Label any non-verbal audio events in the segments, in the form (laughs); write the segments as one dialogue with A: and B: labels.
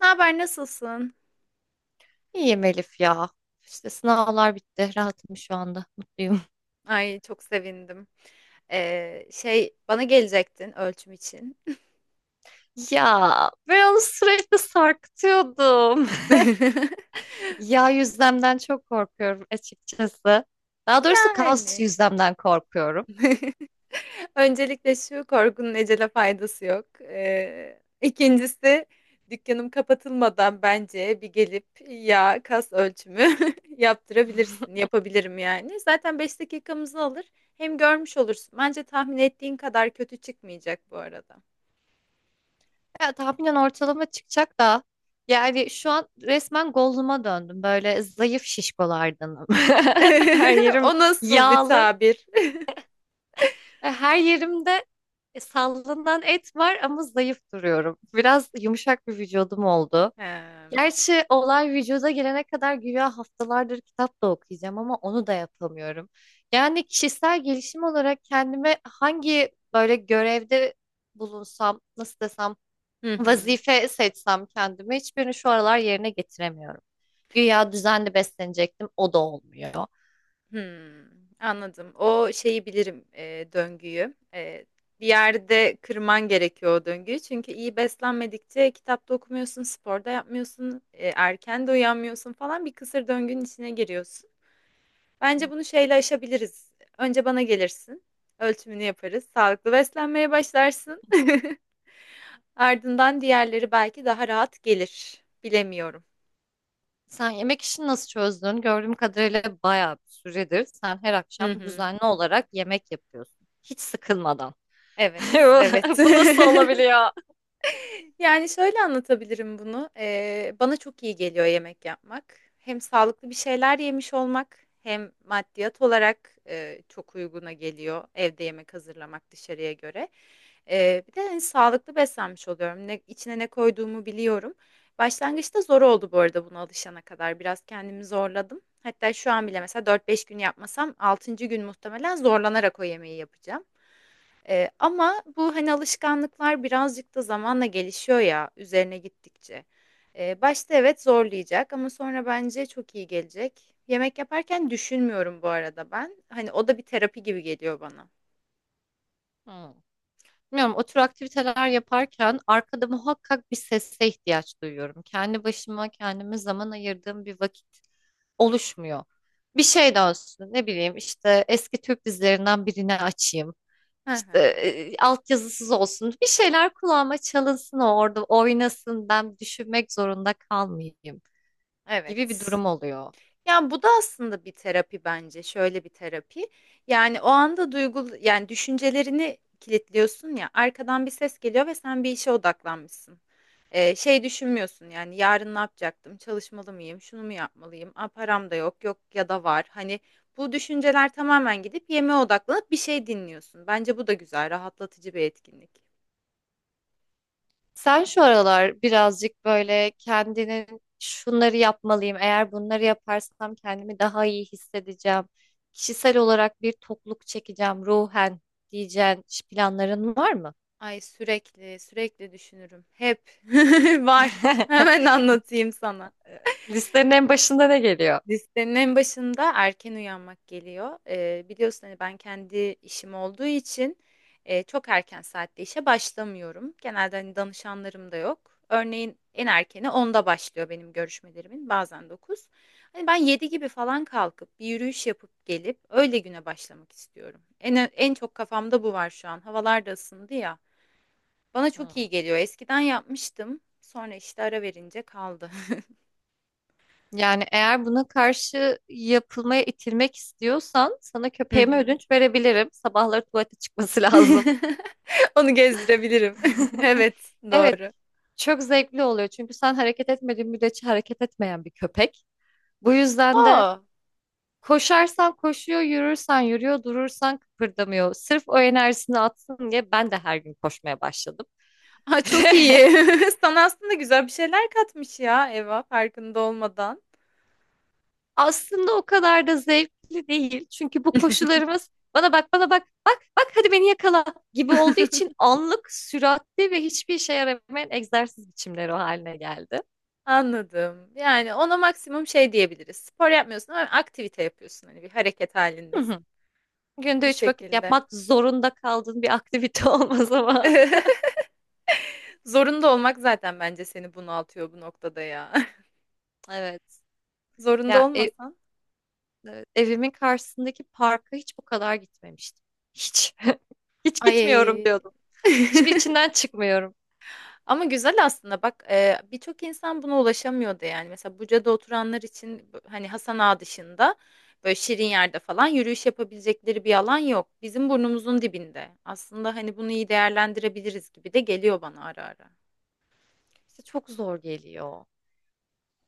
A: Ne haber, nasılsın?
B: İyiyim Elif ya. İşte sınavlar bitti. Rahatım şu anda. Mutluyum.
A: Ay çok sevindim. Bana gelecektin ölçüm için.
B: (laughs) Ya ben onu sürekli sarkıtıyordum.
A: (laughs)
B: (laughs) Yağ yüzlemden çok korkuyorum açıkçası. Daha doğrusu kas
A: Yani.
B: yüzlemden korkuyorum.
A: (laughs) Öncelikle şu korkunun ecele faydası yok. İkincisi dükkanım kapatılmadan bence bir gelip ya kas ölçümü (laughs) yaptırabilirsin.
B: (laughs)
A: Yapabilirim yani. Zaten 5 dakikamızı alır. Hem görmüş olursun. Bence tahmin ettiğin kadar kötü çıkmayacak bu arada.
B: Ya tahminen ortalama çıkacak da, yani şu an resmen Gollum'a döndüm. Böyle zayıf şişkolardanım. (laughs) Her
A: (laughs)
B: yerim
A: O nasıl bir
B: yağlı
A: tabir?
B: ve her yerimde sallanan et var ama zayıf duruyorum. Biraz yumuşak bir vücudum oldu.
A: Hemm.
B: Gerçi olay vücuda gelene kadar güya haftalardır kitap da okuyacağım ama onu da yapamıyorum. Yani kişisel gelişim olarak kendime hangi böyle görevde bulunsam, nasıl desem,
A: Hı hı.
B: vazife seçsem kendime hiçbirini şu aralar yerine getiremiyorum. Güya düzenli beslenecektim, o da olmuyor.
A: Hımm. Anladım. O şeyi bilirim, döngüyü. Bir yerde kırman gerekiyor o döngüyü. Çünkü iyi beslenmedikçe kitap da okumuyorsun, spor da yapmıyorsun, erken de uyanmıyorsun falan. Bir kısır döngünün içine giriyorsun. Bence bunu şeyle aşabiliriz. Önce bana gelirsin, ölçümünü yaparız, sağlıklı beslenmeye başlarsın. (laughs) Ardından diğerleri belki daha rahat gelir. Bilemiyorum.
B: Sen yemek işini nasıl çözdün? Gördüğüm kadarıyla bayağı bir süredir sen her
A: Hı
B: akşam
A: hı.
B: düzenli olarak yemek yapıyorsun. Hiç sıkılmadan.
A: Evet, evet. (laughs)
B: (laughs) Bu nasıl olabiliyor?
A: Yani, şöyle anlatabilirim bunu. Bana çok iyi geliyor yemek yapmak. Hem sağlıklı bir şeyler yemiş olmak hem maddiyat olarak, çok uyguna geliyor evde yemek hazırlamak dışarıya göre. Bir de, hani, sağlıklı beslenmiş oluyorum. Ne içine ne koyduğumu biliyorum. Başlangıçta zor oldu bu arada buna alışana kadar. Biraz kendimi zorladım. Hatta şu an bile mesela 4-5 gün yapmasam altıncı gün muhtemelen zorlanarak o yemeği yapacağım. Ama bu, hani, alışkanlıklar birazcık da zamanla gelişiyor ya üzerine gittikçe. Başta evet zorlayacak ama sonra bence çok iyi gelecek. Yemek yaparken düşünmüyorum bu arada ben. Hani, o da bir terapi gibi geliyor bana.
B: Hmm. Bilmiyorum, o tür aktiviteler yaparken arkada muhakkak bir sese ihtiyaç duyuyorum. Kendi başıma kendime zaman ayırdığım bir vakit oluşmuyor. Bir şey dönsün, ne bileyim, işte eski Türk dizilerinden birini açayım.
A: Hı
B: İşte
A: hı.
B: altyazısız olsun. Bir şeyler kulağıma çalınsın, o orada oynasın, ben düşünmek zorunda kalmayayım gibi bir
A: Evet.
B: durum oluyor.
A: Ya bu da aslında bir terapi bence. Şöyle bir terapi. Yani o anda duygu yani düşüncelerini kilitliyorsun ya. Arkadan bir ses geliyor ve sen bir işe odaklanmışsın. Düşünmüyorsun yani yarın ne yapacaktım? Çalışmalı mıyım? Şunu mu yapmalıyım? Aa, param da yok. Yok ya da var. Hani bu düşünceler tamamen gidip yemeğe odaklanıp bir şey dinliyorsun. Bence bu da güzel, rahatlatıcı bir etkinlik.
B: Sen şu aralar birazcık böyle kendinin şunları yapmalıyım, eğer bunları yaparsam kendimi daha iyi hissedeceğim, kişisel olarak bir tokluk çekeceğim ruhen diyeceğin planların var mı?
A: Ay sürekli düşünürüm. Hep (laughs) var. Hemen
B: (laughs)
A: anlatayım sana.
B: Listenin en başında ne geliyor?
A: Listenin en başında erken uyanmak geliyor. Biliyorsun hani ben kendi işim olduğu için çok erken saatte işe başlamıyorum. Genelde hani danışanlarım da yok. Örneğin en erkeni onda başlıyor benim görüşmelerimin bazen 9. Hani ben 7 gibi falan kalkıp bir yürüyüş yapıp gelip öyle güne başlamak istiyorum. En çok kafamda bu var şu an. Havalar da ısındı ya. Bana çok iyi
B: Hmm.
A: geliyor. Eskiden yapmıştım. Sonra işte ara verince kaldı.
B: Yani eğer buna karşı yapılmaya itilmek istiyorsan sana köpeğime
A: (laughs)
B: ödünç verebilirim. Sabahları tuvalete çıkması lazım.
A: (laughs) Onu gezdirebilirim. (laughs)
B: (laughs)
A: Evet,
B: Evet,
A: doğru.
B: çok zevkli oluyor. Çünkü sen hareket etmediğin müddetçe hareket etmeyen bir köpek. Bu yüzden de
A: Aa,
B: koşarsan koşuyor, yürürsen yürüyor, durursan kıpırdamıyor. Sırf o enerjisini atsın diye ben de her gün koşmaya başladım.
A: ha, çok iyi.
B: (laughs)
A: (laughs) Sana aslında güzel bir şeyler katmış ya Eva farkında olmadan.
B: Aslında o kadar da zevkli değil. Çünkü bu koşularımız bana bak, bana bak, bak, bak, hadi beni yakala gibi olduğu için anlık, süratli ve hiçbir işe yaramayan egzersiz biçimleri o haline geldi.
A: Anladım. Yani ona maksimum şey diyebiliriz. Spor yapmıyorsun ama aktivite yapıyorsun. Hani bir hareket
B: Hı
A: halindesin.
B: hı.
A: Bu
B: Günde üç vakit
A: şekilde.
B: yapmak zorunda kaldığın bir aktivite (laughs) olmaz ama.
A: (laughs) Zorunda olmak zaten bence seni bunaltıyor bu noktada ya.
B: Evet.
A: (laughs) Zorunda
B: Ya ev-
A: olmasan.
B: Evimin karşısındaki parka hiç bu kadar gitmemiştim. Hiç. (laughs) Hiç gitmiyorum
A: Ay.
B: diyordum. Şimdi
A: (laughs)
B: içinden çıkmıyorum.
A: Ama güzel aslında bak birçok insan buna ulaşamıyordu yani. Mesela Buca'da oturanlar için hani Hasan Ağa dışında böyle şirin yerde falan yürüyüş yapabilecekleri bir alan yok. Bizim burnumuzun dibinde. Aslında hani bunu iyi değerlendirebiliriz gibi de geliyor bana ara ara.
B: İşte çok zor geliyor.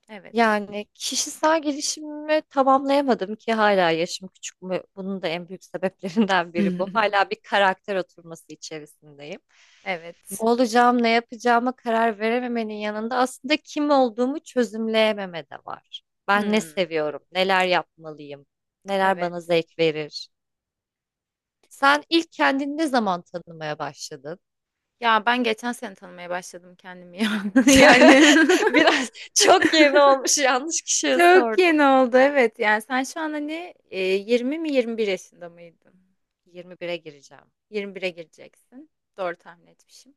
A: Evet.
B: Yani kişisel gelişimimi tamamlayamadım ki hala, yaşım küçük mü? Bunun da en büyük sebeplerinden biri bu.
A: (laughs)
B: Hala bir karakter oturması içerisindeyim. Ne
A: Evet.
B: olacağım, ne yapacağıma karar verememenin yanında aslında kim olduğumu çözümleyememe de var. Ben ne
A: Hmm,
B: seviyorum, neler yapmalıyım, neler bana
A: evet.
B: zevk verir. Sen ilk kendini ne zaman tanımaya başladın?
A: Ya ben geçen sene tanımaya başladım kendimi ya. (laughs) Yani
B: (laughs) Biraz çok yeni olmuş, yanlış
A: (laughs)
B: kişiye
A: çok
B: sordum.
A: yeni oldu evet. Yani sen şu an hani 20 mi 21 yaşında mıydın?
B: 21'e gireceğim.
A: 21'e gireceksin. Doğru tahmin etmişim.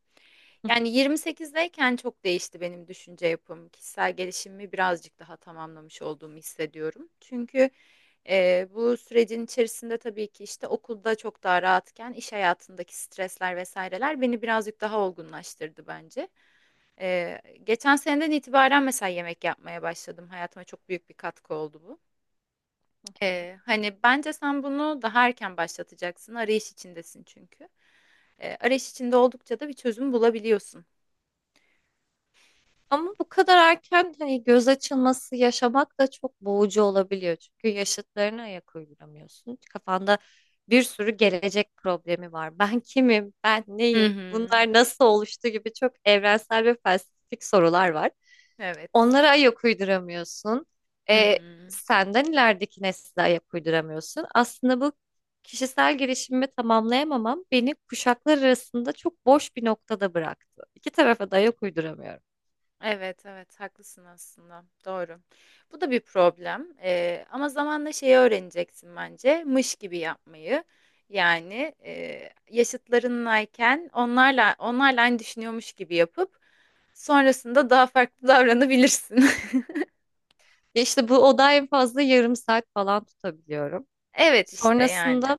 A: Yani 28'deyken çok değişti benim düşünce yapım. Kişisel gelişimimi birazcık daha tamamlamış olduğumu hissediyorum. Çünkü bu sürecin içerisinde tabii ki işte okulda çok daha rahatken iş hayatındaki stresler vesaireler beni birazcık daha olgunlaştırdı bence. E, Geçen seneden itibaren mesela yemek yapmaya başladım. Hayatıma çok büyük bir katkı oldu bu.
B: Hı hı.
A: Hani bence sen bunu daha erken başlatacaksın. Arayış içindesin çünkü arayış içinde oldukça da bir çözüm bulabiliyorsun.
B: Ama bu kadar erken hani göz açılması yaşamak da çok boğucu olabiliyor. Çünkü yaşıtlarına ayak uyduramıyorsun. Kafanda bir sürü gelecek problemi var. Ben kimim? Ben
A: Hı
B: neyim?
A: hı.
B: Bunlar nasıl oluştu gibi çok evrensel ve felsefik sorular var.
A: Evet.
B: Onlara ayak uyduramıyorsun.
A: Hı
B: Ee,
A: hı.
B: senden ilerideki nesle ayak uyduramıyorsun. Aslında bu kişisel gelişimimi tamamlayamamam beni kuşaklar arasında çok boş bir noktada bıraktı. İki tarafa da ayak uyduramıyorum.
A: Evet, evet, haklısın aslında. Doğru. Bu da bir problem. Ama zamanla şeyi öğreneceksin bence. Mış gibi yapmayı. Yani yaşıtlarınlayken onlarla aynı düşünüyormuş gibi yapıp sonrasında daha farklı davranabilirsin. (laughs)
B: Ya İşte bu oda en fazla yarım saat falan tutabiliyorum.
A: Evet işte yani.
B: Sonrasında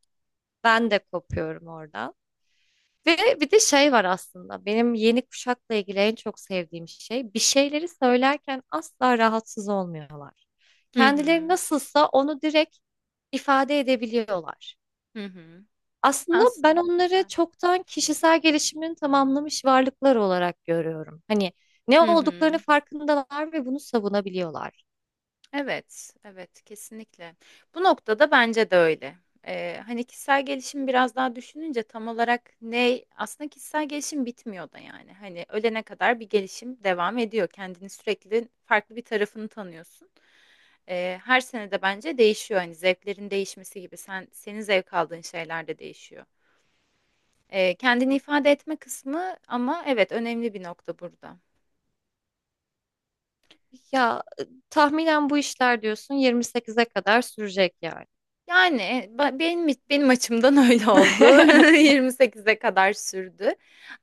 B: ben de kopuyorum oradan. Ve bir de şey var: aslında benim yeni kuşakla ilgili en çok sevdiğim şey, bir şeyleri söylerken asla rahatsız olmuyorlar.
A: Hı
B: Kendileri
A: hı.
B: nasılsa onu direkt ifade edebiliyorlar.
A: Hı hı.
B: Aslında ben
A: Aslında
B: onları
A: güzel.
B: çoktan kişisel gelişimini tamamlamış varlıklar olarak görüyorum. Hani ne
A: Hı
B: olduklarını
A: hı.
B: farkındalar ve bunu savunabiliyorlar.
A: Evet, evet kesinlikle. Bu noktada bence de öyle. Hani kişisel gelişim biraz daha düşününce tam olarak ne aslında kişisel gelişim bitmiyor da yani. Hani ölene kadar bir gelişim devam ediyor. Kendini sürekli farklı bir tarafını tanıyorsun. Her sene de bence değişiyor. Hani zevklerin değişmesi gibi sen senin zevk aldığın şeyler de değişiyor. Kendini ifade etme kısmı ama evet önemli bir nokta burada.
B: Ya tahminen bu işler diyorsun 28'e kadar sürecek yani.
A: Yani benim açımdan (laughs) öyle oldu. (laughs)
B: (laughs)
A: 28'e kadar sürdü.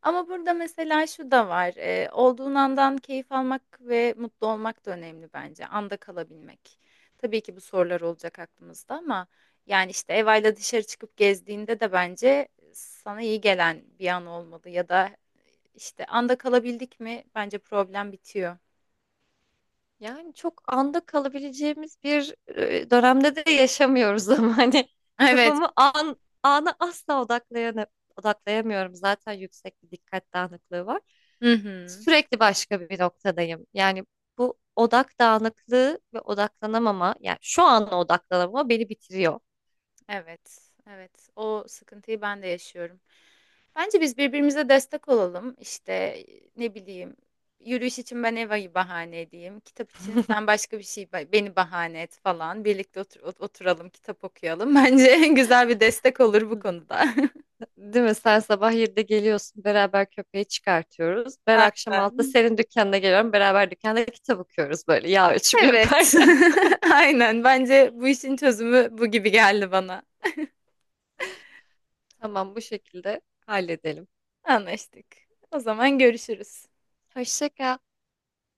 A: Ama burada mesela şu da var. Olduğun andan keyif almak ve mutlu olmak da önemli bence. Anda kalabilmek. Tabii ki bu sorular olacak aklımızda ama yani işte Eva'yla dışarı çıkıp gezdiğinde de bence sana iyi gelen bir an olmalı ya da işte anda kalabildik mi bence problem bitiyor.
B: Yani çok anda kalabileceğimiz bir dönemde de yaşamıyoruz, (laughs) ama hani
A: (laughs) Evet.
B: kafamı ana asla odaklayamıyorum. Zaten yüksek bir dikkat dağınıklığı var.
A: Hı hı.
B: Sürekli başka bir noktadayım. Yani bu odak dağınıklığı ve odaklanamama, yani şu an odaklanamama beni bitiriyor.
A: Evet, evet. O sıkıntıyı ben de yaşıyorum. Bence biz birbirimize destek olalım. İşte ne bileyim, yürüyüş için ben Eva'yı bahane edeyim. Kitap için sen başka bir şey beni bahane et falan. Birlikte oturalım, kitap okuyalım. (laughs) Bence güzel bir destek olur bu konuda.
B: Değil mi? Sen sabah 7'de geliyorsun. Beraber köpeği çıkartıyoruz.
A: (laughs)
B: Ben akşam 6'da
A: Aynen.
B: senin dükkanına geliyorum. Beraber dükkanda kitap okuyoruz, böyle yağ ölçümü
A: Evet.
B: yaparken.
A: (laughs) Aynen. Bence bu işin çözümü bu gibi geldi bana.
B: (laughs) Tamam, bu şekilde halledelim.
A: Anlaştık. O zaman görüşürüz.
B: Hoşça kal.